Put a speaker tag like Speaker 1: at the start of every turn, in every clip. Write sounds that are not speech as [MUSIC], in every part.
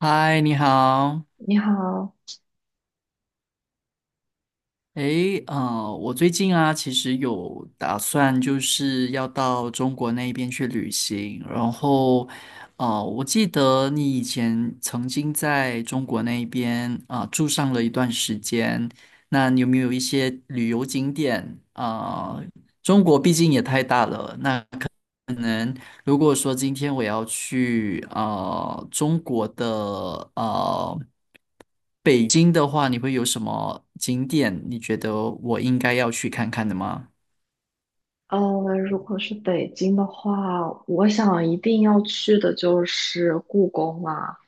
Speaker 1: 嗨，你好。
Speaker 2: 你好。
Speaker 1: 诶，我最近啊，其实有打算就是要到中国那边去旅行，然后，我记得你以前曾经在中国那边啊，住上了一段时间，那你有没有一些旅游景点啊？中国毕竟也太大了，那可能如果说今天我要去中国的北京的话，你会有什么景点？你觉得我应该要去看看的吗？
Speaker 2: 如果是北京的话，我想一定要去的就是故宫啦、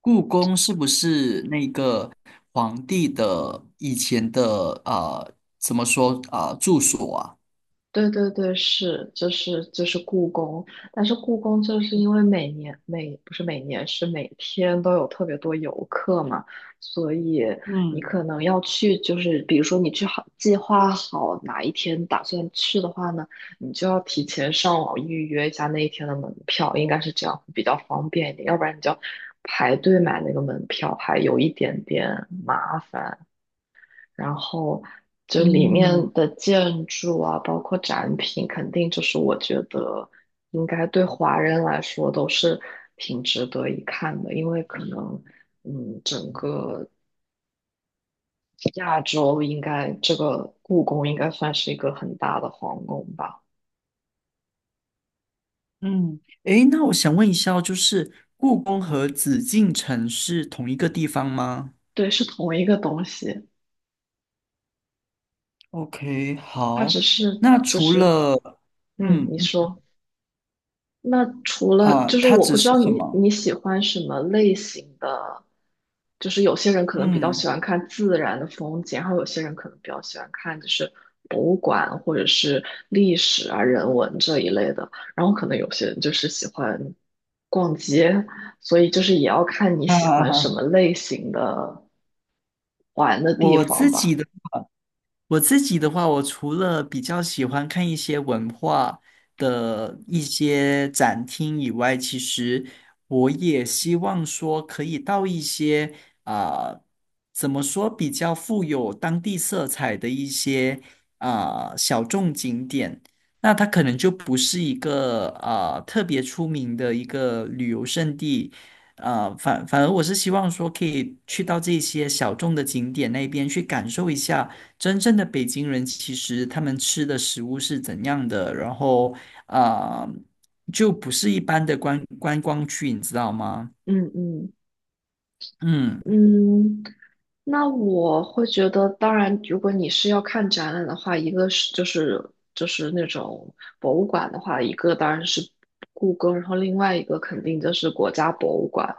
Speaker 1: 故宫是不是那个皇帝的以前的怎么说啊、住所啊？
Speaker 2: 对对对，是，就是故宫。但是故宫就是因为每年每不是每年是每天都有特别多游客嘛，所以你
Speaker 1: 嗯
Speaker 2: 可能要去，就是比如说你去好计划好哪一天打算去的话呢，你就要提前上网预约一下那一天的门票，应该是这样比较方便一点，要不然你就要排队买那个门票，还有一点点麻烦。然后就里
Speaker 1: 嗯
Speaker 2: 面的建筑啊，包括展品，肯定就是我觉得应该对华人来说都是挺值得一看的。因为可能整个亚洲应该这个故宫应该算是一个很大的皇宫吧？
Speaker 1: 嗯，诶，那我想问一下哦就是故宫和紫禁城是同一个地方吗
Speaker 2: 对，是同一个东西，
Speaker 1: ？OK，
Speaker 2: 它
Speaker 1: 好。
Speaker 2: 只是
Speaker 1: 那
Speaker 2: 就
Speaker 1: 除
Speaker 2: 是。
Speaker 1: 了
Speaker 2: 嗯，
Speaker 1: 嗯
Speaker 2: 你说。那除了
Speaker 1: 啊、
Speaker 2: 就是
Speaker 1: 它
Speaker 2: 我不
Speaker 1: 只
Speaker 2: 知
Speaker 1: 是
Speaker 2: 道
Speaker 1: 什
Speaker 2: 你
Speaker 1: 么？
Speaker 2: 你喜欢什么类型的，就是有些人可能比较喜
Speaker 1: 嗯
Speaker 2: 欢看自然的风景，然后有些人可能比较喜欢看就是博物馆或者是历史啊人文这一类的，然后可能有些人就是喜欢逛街，所以就是也要看你喜欢什么
Speaker 1: 啊，
Speaker 2: 类型的玩的
Speaker 1: [LAUGHS]
Speaker 2: 地
Speaker 1: 我
Speaker 2: 方
Speaker 1: 自己
Speaker 2: 吧。
Speaker 1: 的。我自己的话，我除了比较喜欢看一些文化的一些展厅以外，其实我也希望说可以到一些啊、怎么说比较富有当地色彩的一些小众景点。那它可能就不是一个特别出名的一个旅游胜地。啊，反而我是希望说可以去到这些小众的景点那边去感受一下。真正的北京人其实他们吃的食物是怎样的，然后啊、呃就不是一般的观光区，你知道吗？
Speaker 2: 嗯嗯。
Speaker 1: 嗯，
Speaker 2: 嗯，那我会觉得，当然，如果你是要看展览的话，一个是就是那种博物馆的话，一个当然是故宫，然后另外一个肯定就是国家博物馆。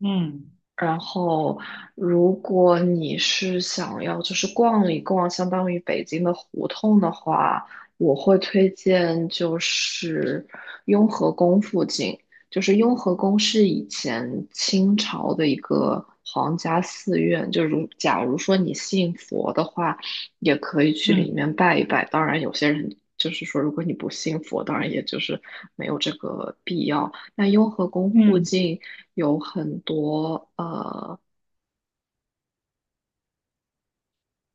Speaker 1: 嗯
Speaker 2: 然后，如果你是想要就是逛一逛，相当于北京的胡同的话，我会推荐就是雍和宫附近。就是雍和宫是以前清朝的一个皇家寺院，就如假如说你信佛的话，也可以去里
Speaker 1: 嗯
Speaker 2: 面拜一拜。当然，有些人就是说，如果你不信佛，当然也就是没有这个必要。那雍和宫附
Speaker 1: 嗯
Speaker 2: 近有很多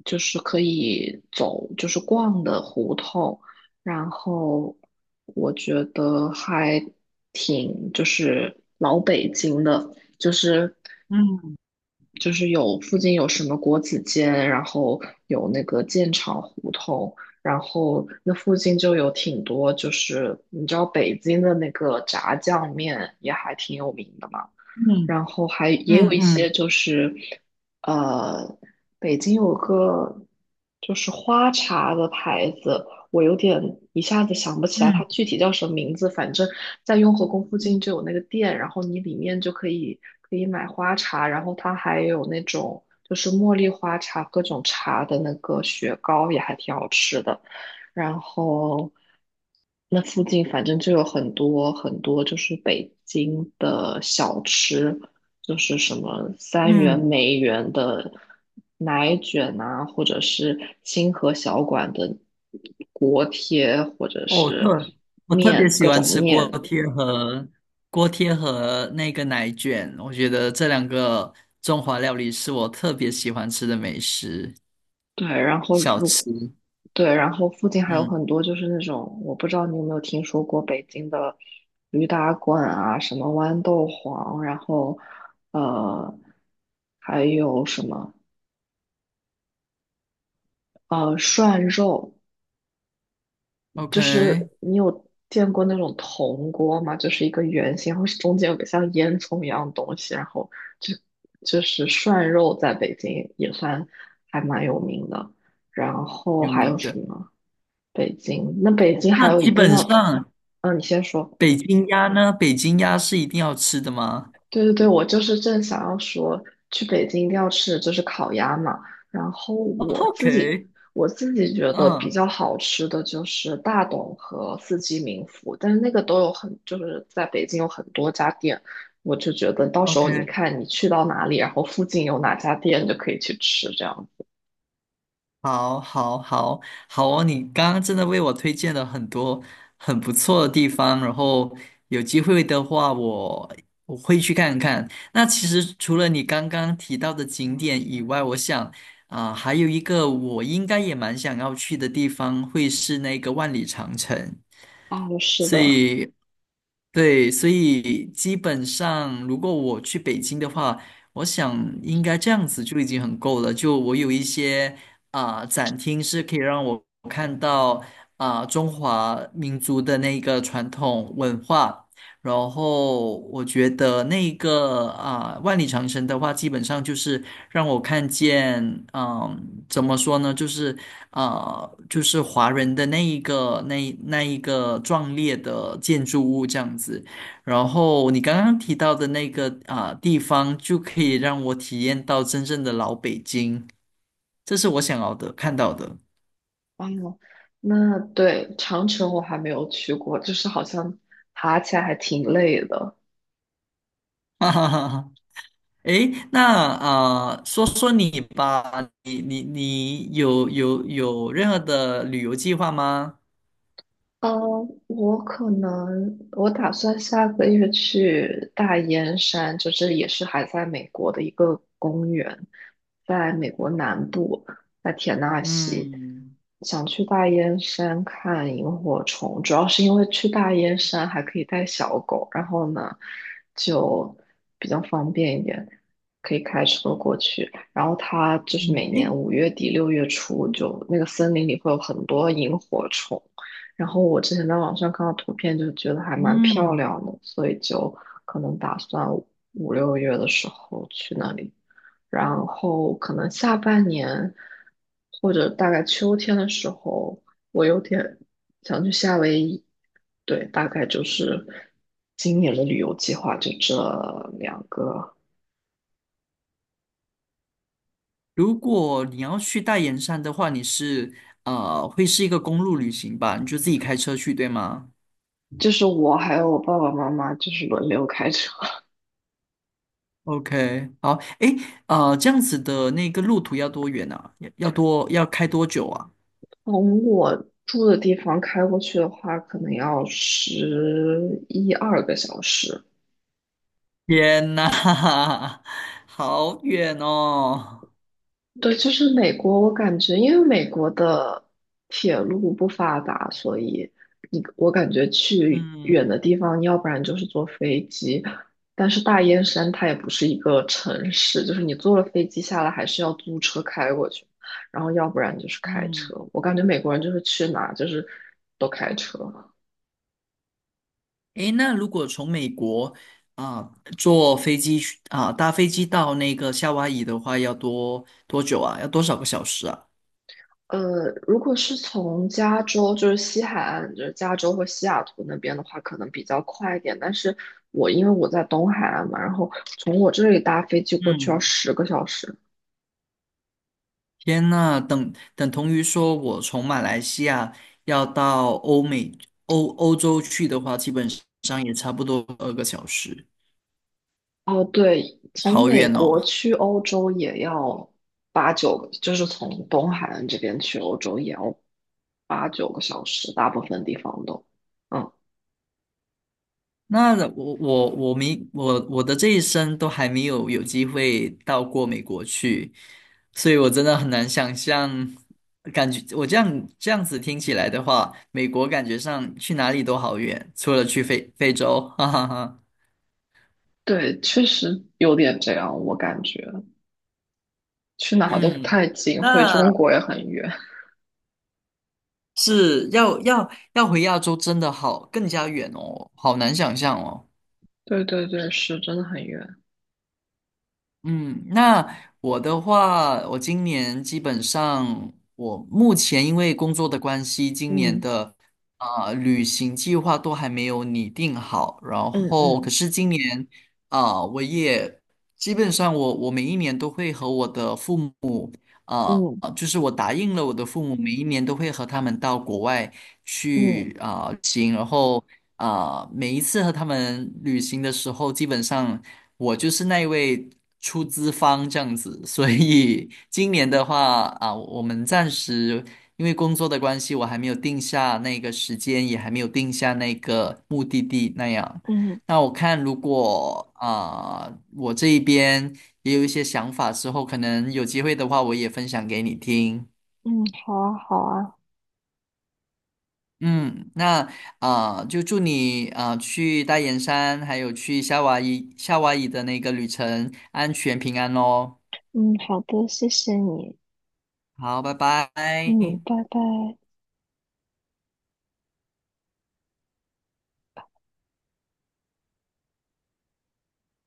Speaker 2: 就是可以走，就是逛的胡同，然后我觉得还挺就是老北京的，就是
Speaker 1: 嗯
Speaker 2: 就是有附近有什么国子监，然后有那个建厂胡同，然后那附近就有挺多，就是你知道北京的那个炸酱面也还挺有名的嘛。
Speaker 1: 嗯
Speaker 2: 然后还也有
Speaker 1: 嗯
Speaker 2: 一些
Speaker 1: 嗯
Speaker 2: 就是，呃，北京有个就是花茶的牌子，我有点一下子想不起来它
Speaker 1: 嗯
Speaker 2: 具体叫什么名字，反正在雍和宫附近就有那个店，然后你里面就可以买花茶，然后它还有那种就是茉莉花茶各种茶的那个雪糕也还挺好吃的。然后那附近反正就有很多很多，就是北京的小吃，就是什么三元、
Speaker 1: 嗯，
Speaker 2: 梅园的奶卷呐，或者是清河小馆的锅贴，或者
Speaker 1: 哦，
Speaker 2: 是
Speaker 1: 我特别
Speaker 2: 面，
Speaker 1: 喜
Speaker 2: 各
Speaker 1: 欢
Speaker 2: 种
Speaker 1: 吃锅
Speaker 2: 面。
Speaker 1: 贴和锅贴和那个奶卷，我觉得这两个中华料理是我特别喜欢吃的美食
Speaker 2: 对，然后
Speaker 1: 小吃。
Speaker 2: 对，然后附近还有
Speaker 1: 嗯
Speaker 2: 很多就是那种，我不知道你有没有听说过北京的驴打滚啊，什么豌豆黄，然后呃，还有什么涮肉，就
Speaker 1: ，OK，
Speaker 2: 是你有见过那种铜锅吗？就是一个圆形，然后中间有个像烟囱一样的东西，然后就就是涮肉在北京也算还蛮有名的。然后
Speaker 1: 有
Speaker 2: 还有
Speaker 1: 名
Speaker 2: 什
Speaker 1: 的。
Speaker 2: 么？北京，那北京
Speaker 1: 那
Speaker 2: 还有一
Speaker 1: 基
Speaker 2: 定
Speaker 1: 本
Speaker 2: 要。
Speaker 1: 上
Speaker 2: 嗯，你先说。
Speaker 1: 北京鸭呢？北京鸭是一定要吃的吗？
Speaker 2: 对对对，我就是正想要说，去北京一定要吃的就是烤鸭嘛。然后我
Speaker 1: o k
Speaker 2: 自己
Speaker 1: [LAUGHS]
Speaker 2: 我自己觉得比
Speaker 1: 嗯
Speaker 2: 较好吃的就是大董和四季民福，但是那个都有很，就是在北京有很多家店，我就觉得到时候
Speaker 1: ，OK，
Speaker 2: 你看你去到哪里，然后附近有哪家店就可以去吃这样。
Speaker 1: 好，好，好，好哦！你刚刚真的为我推荐了很多很不错的地方，然后有机会的话我会去看看。那其实除了你刚刚提到的景点以外，我想还有一个我应该也蛮想要去的地方，会是那个万里长城。
Speaker 2: 哦，是
Speaker 1: 所
Speaker 2: 的。
Speaker 1: 以对，所以基本上，如果我去北京的话，我想应该这样子就已经很够了。就我有一些展厅是可以让我看到中华民族的那个传统文化，然后我觉得那个万里长城的话，基本上就是让我看见，怎么说呢，啊，就是华人的那一个那一个壮烈的建筑物这样子。然后你刚刚提到的那个地方，就可以让我体验到真正的老北京，这是我想要的看到的。
Speaker 2: 哦，那对，长城我还没有去过，就是好像爬起来还挺累的。
Speaker 1: [LAUGHS] 哈哈哈哈。诶，那说说你吧，你有任何的旅游计划吗？
Speaker 2: 呃，我可能我打算下个月去大烟山，就是也是还在美国的一个公园，在美国南部，在田纳西，
Speaker 1: 嗯
Speaker 2: 想去大烟山看萤火虫，主要是因为去大烟山还可以带小狗，然后呢就比较方便一点，可以开车过去。然后它就是
Speaker 1: 嗯
Speaker 2: 每
Speaker 1: 诶
Speaker 2: 年5月底6月初就那个森林里会有很多萤火虫。然后我之前在网上看到图片，就觉得还蛮漂
Speaker 1: 嗯。
Speaker 2: 亮的，所以就可能打算5、6月的时候去那里，然后可能下半年或者大概秋天的时候，我有点想去夏威夷。对，大概就是今年的旅游计划就这2个。
Speaker 1: 如果你要去大岩山的话，会是一个公路旅行吧？你就自己开车去，对吗
Speaker 2: 就是我还有我爸爸妈妈就是轮流开车。
Speaker 1: ？OK，好，诶，这样子的那个路途要多远啊？要开多久啊？
Speaker 2: 从我住的地方开过去的话，可能要11、12个小时。
Speaker 1: 天呐，[LAUGHS] 好远哦！
Speaker 2: 对，就是美国，我感觉因为美国的铁路不发达，所以你我感觉去
Speaker 1: 嗯
Speaker 2: 远的地方，要不然就是坐飞机。但是大燕山它也不是一个城市，就是你坐了飞机下来，还是要租车开过去，然后要不然就是开
Speaker 1: 嗯，
Speaker 2: 车。我感觉美国人就是去哪就是都开车。
Speaker 1: 诶，那如果从美国坐飞机去搭飞机到那个夏威夷的话，要多久啊？要多少个小时啊？
Speaker 2: 如果是从加州，就是西海岸，就是加州或西雅图那边的话，可能比较快一点。但是我因为我在东海岸嘛，然后从我这里搭飞机过去要
Speaker 1: 嗯。
Speaker 2: 10个小时。
Speaker 1: 天呐，等同于说，我从马来西亚要到欧美欧欧洲去的话，基本上也差不多2个小时，
Speaker 2: 哦，对，从
Speaker 1: 好
Speaker 2: 美
Speaker 1: 远
Speaker 2: 国
Speaker 1: 哦。
Speaker 2: 去欧洲也要八九个，就是从东海岸这边去欧洲也要8、9个小时，大部分地方都。嗯，
Speaker 1: 那我我我没我我的这一生都还没有机会到过美国去，所以我真的很难想象，感觉我这样子听起来的话，美国感觉上去哪里都好远，除了去非洲，[LAUGHS] 哈哈哈。
Speaker 2: 对，确实有点这样，我感觉去哪都不
Speaker 1: 嗯。
Speaker 2: 太近，回
Speaker 1: 那
Speaker 2: 中国也很远。
Speaker 1: 是要回亚洲真的好更加远哦，好难想象哦。
Speaker 2: 对对对，是真的很远。
Speaker 1: 嗯，那我的话，我今年基本上，我目前因为工作的关系，今年
Speaker 2: 嗯
Speaker 1: 的旅行计划都还没有拟定好。然
Speaker 2: 嗯
Speaker 1: 后，
Speaker 2: 嗯
Speaker 1: 可是今年我也基本上我每一年都会和我的父母
Speaker 2: 嗯
Speaker 1: 就是我答应了我的父母，每一年都会和他们到国外
Speaker 2: 嗯
Speaker 1: 去旅行，然后。每一次和他们旅行的时候，基本上我就是那一位出资方这样子，[LAUGHS] 所以今年的话啊，我们暂时因为工作的关系，我还没有定下那个时间，也还没有定下那个目的地那样。
Speaker 2: 嗯
Speaker 1: 那我看如果啊，我这一边也有一些想法之后，可能有机会的话，我也分享给你听。
Speaker 2: 嗯，好啊好啊。
Speaker 1: 嗯，那就祝你去大岩山，还有去夏威夷的那个旅程安全平安哦。
Speaker 2: 嗯，好的，谢谢你。
Speaker 1: 好，拜拜。
Speaker 2: 嗯，拜拜。